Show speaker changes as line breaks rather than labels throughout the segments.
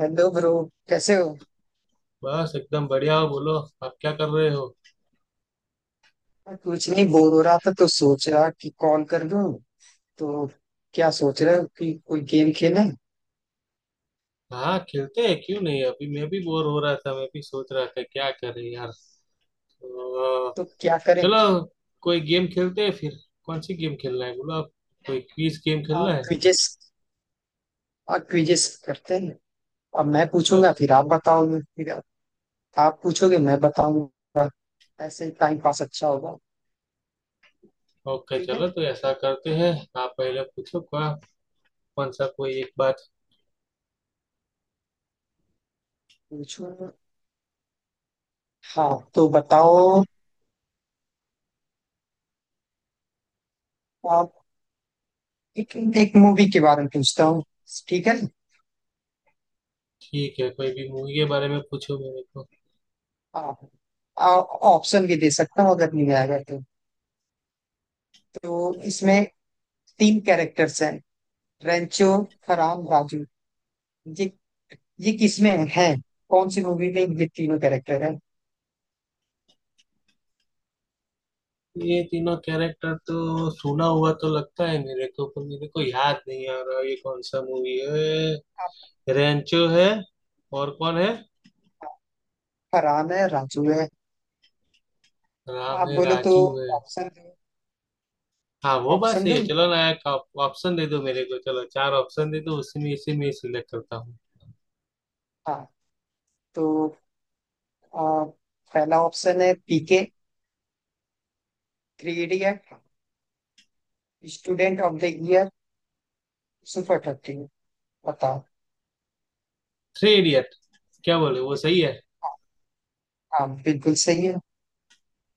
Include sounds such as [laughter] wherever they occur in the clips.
Hello bro. कैसे हो।
बस एकदम बढ़िया हो बोलो। आप क्या कर रहे हो?
कुछ नहीं, बोर हो रहा था तो सोचा कि कॉल कर लूं। तो क्या सोच रहे हो कि कोई गेम खेलें।
हाँ खेलते हैं क्यों नहीं। अभी मैं भी बोर हो रहा था, मैं भी सोच रहा था क्या करें यार। तो,
तो क्या करें।
चलो कोई गेम खेलते हैं फिर। कौन सी गेम खेलना है बोलो आप? कोई क्विज गेम खेलना
आप
है
क्विजेस, आप क्विजेस करते हैं। अब मैं पूछूंगा
बस।
फिर आप बताओगे, फिर आप पूछोगे मैं बताऊंगा। ऐसे ही टाइम पास अच्छा होगा।
ओके
ठीक है।
चलो तो ऐसा करते हैं। आप पहले पूछो क्या, कौन सा कोई एक बात।
पूछूंगा। हाँ तो बताओ। आप एक मूवी के बारे में पूछता हूँ। ठीक है।
ठीक है कोई भी मूवी के बारे में पूछो मेरे को।
हाँ। आ- ऑप्शन भी दे सकता हूँ अगर नहीं आएगा तो। तो इसमें तीन कैरेक्टर्स हैं। रेंचो, फरहान, राजू। ये ये किसमें है। कौन सी मूवी में ये तीनों कैरेक्टर है।
ये तीनों कैरेक्टर तो सुना हुआ तो लगता है मेरे को, पर मेरे को याद नहीं आ रहा ये कौन सा मूवी है। रेंचो है और कौन है?
फरहान है, राजू है।
राम
आप
है
बोलो तो
राजू है।
ऑप्शन,
हाँ वो बात
ऑप्शन
सही है।
दूं।
चलो ना एक ऑप्शन दे दो मेरे को, चलो चार ऑप्शन दे दो, उसी में इसी में सिलेक्ट करता हूँ।
हाँ तो आ, पहला ऑप्शन है PK, three idiot, student of the year, super thirty. बताओ।
Three idiot. क्या बोले वो सही है?
हाँ बिल्कुल सही है।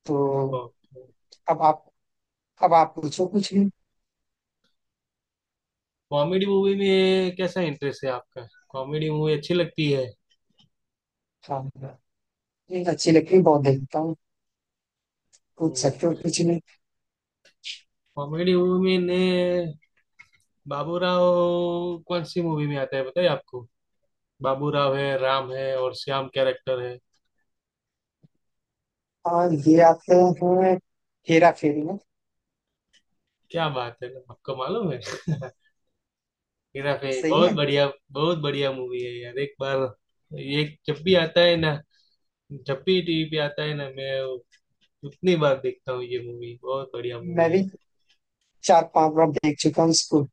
तो अब आप, अब आप पूछो कुछ भी।
कॉमेडी मूवी में कैसा इंटरेस्ट है आपका? कॉमेडी मूवी अच्छी लगती है?
हाँ ये अच्छी लगती है, बहुत देखता हूँ। पूछ सकते हो कुछ नहीं।
कॉमेडी मूवी में ने बाबूराव कौन सी मूवी में आता है बताइए आपको? बाबूराव है राम है और श्याम कैरेक्टर है।
हाँ ये आते हैं हेरा फेरी में।
क्या बात है आपको मालूम है। [laughs] हेरा फेरी
सही
बहुत
है।
बढ़िया। बहुत बढ़िया मूवी है यार। एक बार ये जब भी आता है ना, जब भी टीवी पे आता है ना, मैं उतनी बार देखता हूँ ये मूवी, बहुत बढ़िया
मैं
मूवी
भी
है।
4 5 बार देख चुका हूँ इसको।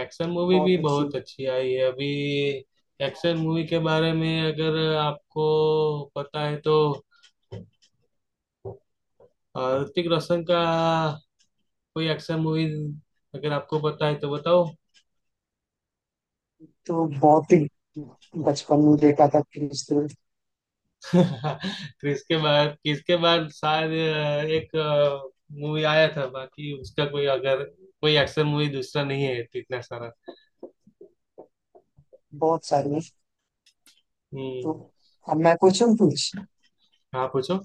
एक्शन मूवी भी
बहुत अच्छी।
बहुत अच्छी आई है अभी। एक्शन मूवी के बारे में अगर आपको पता है तो ऋतिक रोशन का कोई एक्शन मूवीज अगर आपको पता है तो बताओ।
तो बहुत ही बचपन में देखा था फिर इसको।
[laughs] किसके बाद शायद एक मूवी आया था, बाकी उसका कोई अगर कोई एक्शन मूवी दूसरा नहीं है तो इतना सारा।
बहुत सारी है। तो
हम्म,
अब मैं पूछूं कुछ।
हाँ पूछो।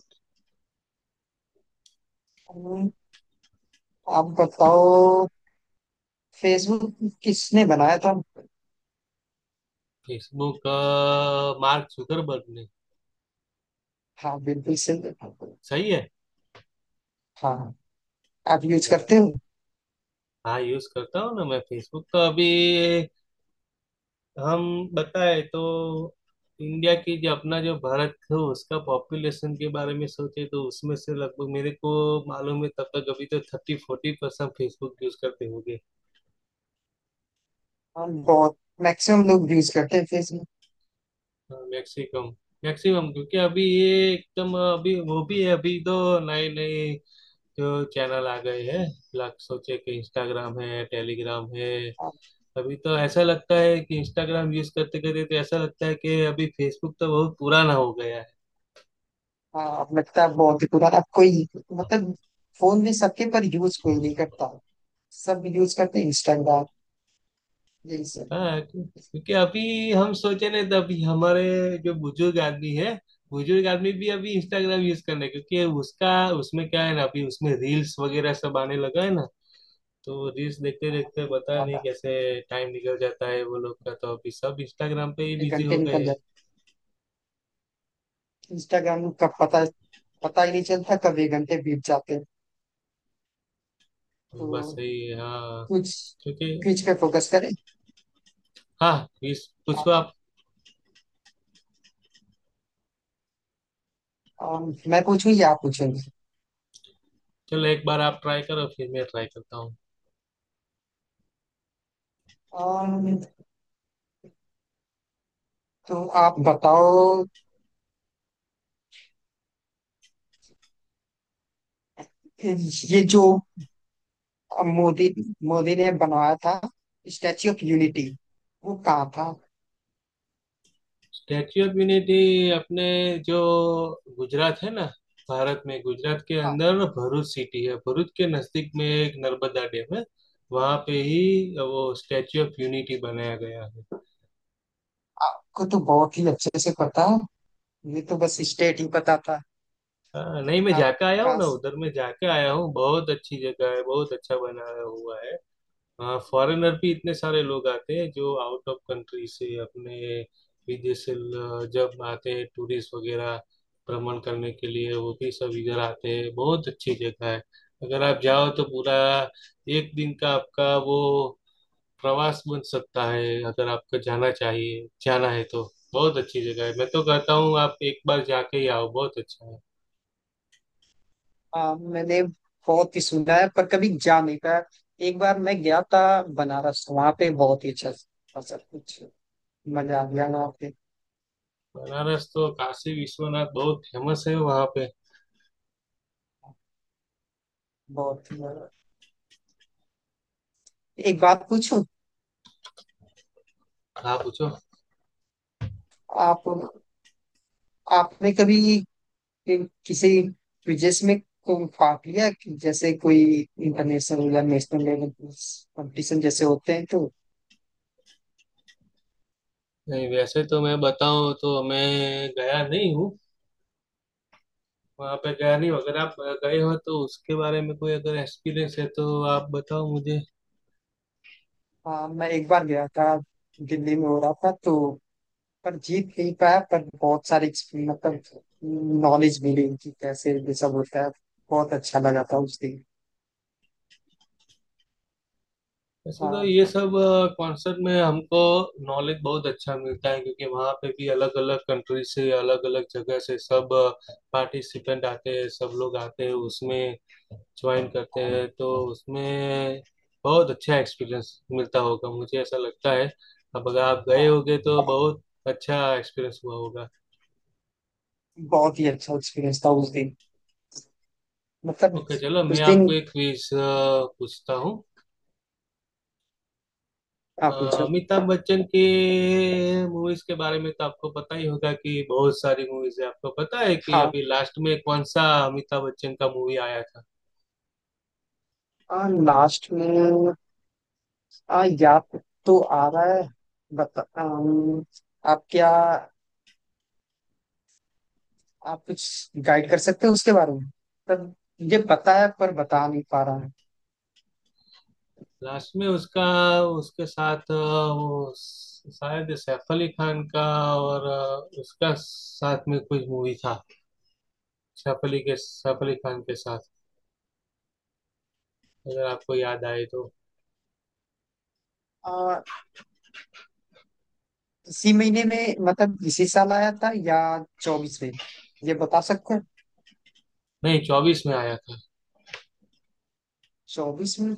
हम्म, आप बताओ। फेसबुक किसने बनाया था।
फेसबुक मार्क जुकरबर्ग ने।
हाँ बिल्कुल सही।
सही है
हाँ आप यूज करते हो।
हाँ। यूज करता हूँ ना मैं फेसबुक तो, अभी हम बताए तो इंडिया की जो अपना जो भारत है उसका पॉपुलेशन के बारे में सोचे तो उसमें से लगभग, मेरे को मालूम है तब तक, अभी तो 30-40% फेसबुक यूज करते होंगे।
हाँ बहुत, मैक्सिमम लोग यूज करते हैं फेसबुक।
मैक्सिमम। मैक्सिमम क्योंकि अभी ये एकदम, अभी वो भी है, अभी तो नए नए जो चैनल आ गए हैं, लाख सोचे कि इंस्टाग्राम है टेलीग्राम है, अभी तो ऐसा लगता है कि इंस्टाग्राम यूज करते करते तो ऐसा लगता है कि अभी फेसबुक तो बहुत पुराना हो गया है।
हाँ अब लगता है बहुत ही पुराना, अब कोई, मतलब फोन भी सबके पर यूज कोई नहीं करता। सब यूज करते हैं इंस्टाग्राम, यही सब।
हाँ क्योंकि अभी हम सोचे नहीं तो अभी हमारे जो बुजुर्ग आदमी है, बुजुर्ग आदमी भी अभी इंस्टाग्राम यूज करना है क्योंकि उसका, उसमें क्या है ना, अभी उसमें रील्स वगैरह सब आने लगा है ना, तो रील्स देखते देखते पता नहीं
ज्यादा
कैसे टाइम निकल जाता है वो लोग का, तो अभी सब इंस्टाग्राम पे ही
इतने
बिजी
घंटे
हो
निकल
गए हैं।
जाते, इंस्टाग्राम का पता, पता ही नहीं चलता कब ये घंटे बीत जाते हैं।
तो बस
तो
सही है हाँ।
कुछ
क्योंकि
क्विज पे फोकस करें।
हाँ इस पूछो
आप,
आप।
मैं पूछूं या आप पूछेंगे।
चलो एक बार आप ट्राई करो फिर मैं ट्राई करता हूँ।
अम, तो आप बताओ। ये जो मोदी, मोदी ने बनाया था स्टैच्यू ऑफ यूनिटी, वो कहाँ था।
स्टैच्यू ऑफ यूनिटी अपने जो गुजरात है ना, भारत में गुजरात के अंदर ना भरूच सिटी है, भरूच के नजदीक में एक नर्मदा डैम है, वहां पे ही वो स्टैच्यू ऑफ यूनिटी बनाया गया है।
आपको तो बहुत ही अच्छे से पता है। ये तो बस स्टेट ही पता था।
हाँ, नहीं मैं जाके आया हूँ
आपका।
ना उधर, मैं जाके आया हूँ, बहुत अच्छी जगह है, बहुत अच्छा बनाया हुआ है। हाँ फॉरेनर भी इतने सारे लोग आते हैं, जो आउट ऑफ कंट्री से अपने विदेश से जब आते हैं टूरिस्ट वगैरह भ्रमण करने के लिए, वो भी सब इधर आते हैं, बहुत अच्छी जगह है। अगर आप जाओ तो पूरा एक दिन का आपका वो प्रवास बन सकता है, अगर आपको जाना चाहिए जाना है तो, बहुत अच्छी जगह है, मैं तो कहता हूँ आप एक बार जाके ही आओ, बहुत अच्छा है।
मैंने बहुत ही सुना है पर कभी जा नहीं पाया। एक बार मैं गया था बनारस, वहां पे बहुत ही अच्छा था सब कुछ। मजा आ गया वहाँ पे।
बनारस तो काशी विश्वनाथ बहुत फेमस है वहाँ पे।
बहुत ही मजा। एक बात पूछूं।
आप पूछो।
आप, आपने कभी किसी क्विजेस में भाग लिया कि जैसे कोई इंटरनेशनल या नेशनल लेवल कंपटीशन जैसे होते हैं तो।
नहीं वैसे तो मैं बताऊं तो मैं गया नहीं हूँ, वहाँ पे गया नहीं हूं। अगर आप गए हो तो उसके बारे में कोई अगर एक्सपीरियंस है तो आप बताओ मुझे।
हाँ मैं एक बार गया था, दिल्ली में हो रहा था तो, पर जीत नहीं पाया पर बहुत सारी मतलब नॉलेज मिली उनकी कैसे ये सब होता है। बहुत अच्छा लगा था उस दिन।
वैसे तो ये
हाँ।
सब कॉन्सर्ट में हमको नॉलेज बहुत अच्छा मिलता है, क्योंकि वहाँ पे भी अलग अलग कंट्री से अलग अलग जगह से सब पार्टिसिपेंट आते हैं, सब लोग आते हैं उसमें ज्वाइन करते
हाँ।
हैं, तो उसमें बहुत अच्छा एक्सपीरियंस मिलता होगा मुझे ऐसा लगता है। अब अगर आप गए
हाँ।
होगे तो
बहुत,
बहुत अच्छा एक्सपीरियंस हुआ होगा।
बहुत ही अच्छा एक्सपीरियंस था उस दिन, मतलब
ओके चलो मैं
उस दिन।
आपको एक क्विज पूछता हूँ।
हाँ
अ,
पूछो।
अमिताभ बच्चन के मूवीज के बारे में तो आपको पता ही होगा कि बहुत सारी मूवीज है, आपको पता है कि
हाँ।
अभी लास्ट में कौन सा अमिताभ बच्चन का मूवी आया था?
हाँ लास्ट में, हाँ याद तो आ रहा है। बता, आप क्या, आप कुछ गाइड कर सकते हो उसके बारे में, मतलब ये पता है पर बता नहीं पा रहा हूँ।
लास्ट में उसका, उसके साथ वो शायद सैफ अली खान का, और उसका साथ में कुछ मूवी था, सैफ अली के सैफ अली खान के साथ, अगर आपको याद आए तो।
आ, इसी महीने में, मतलब इसी साल आया था या 24 में, ये बता सकते हैं।
नहीं 24 में आया था।
24 में।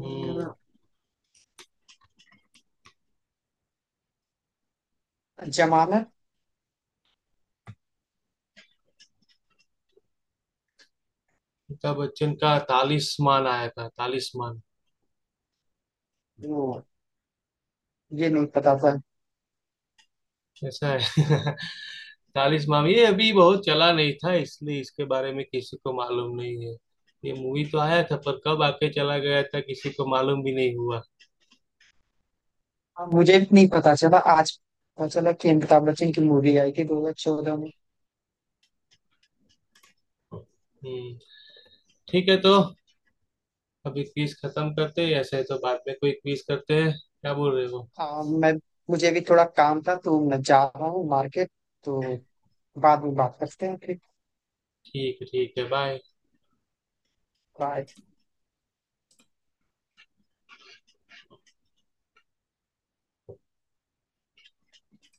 हम्म।
जमानत।
अमिताभ बच्चन का तालिस्मान आया था, तालिस्मान।
वो, ये नहीं पता था।
कैसा है। [laughs] तालिस्मान ये अभी बहुत चला नहीं था, इसलिए इसके बारे में किसी को मालूम नहीं है, ये मूवी तो आया था पर कब आके चला गया था किसी को मालूम भी नहीं हुआ।
हाँ, मुझे भी नहीं पता चला। आज पता चला कि अमिताभ बच्चन की मूवी आई थी 2014।
हम्म। ठीक है तो अभी क्विज खत्म करते हैं, ऐसे तो बाद में कोई क्विज करते हैं, क्या बोल रहे हो?
हाँ मैं, मुझे भी थोड़ा काम था तो मैं जा रहा हूँ मार्केट। तो बाद में बात करते हैं फिर।
ठीक है बाय।
बाय।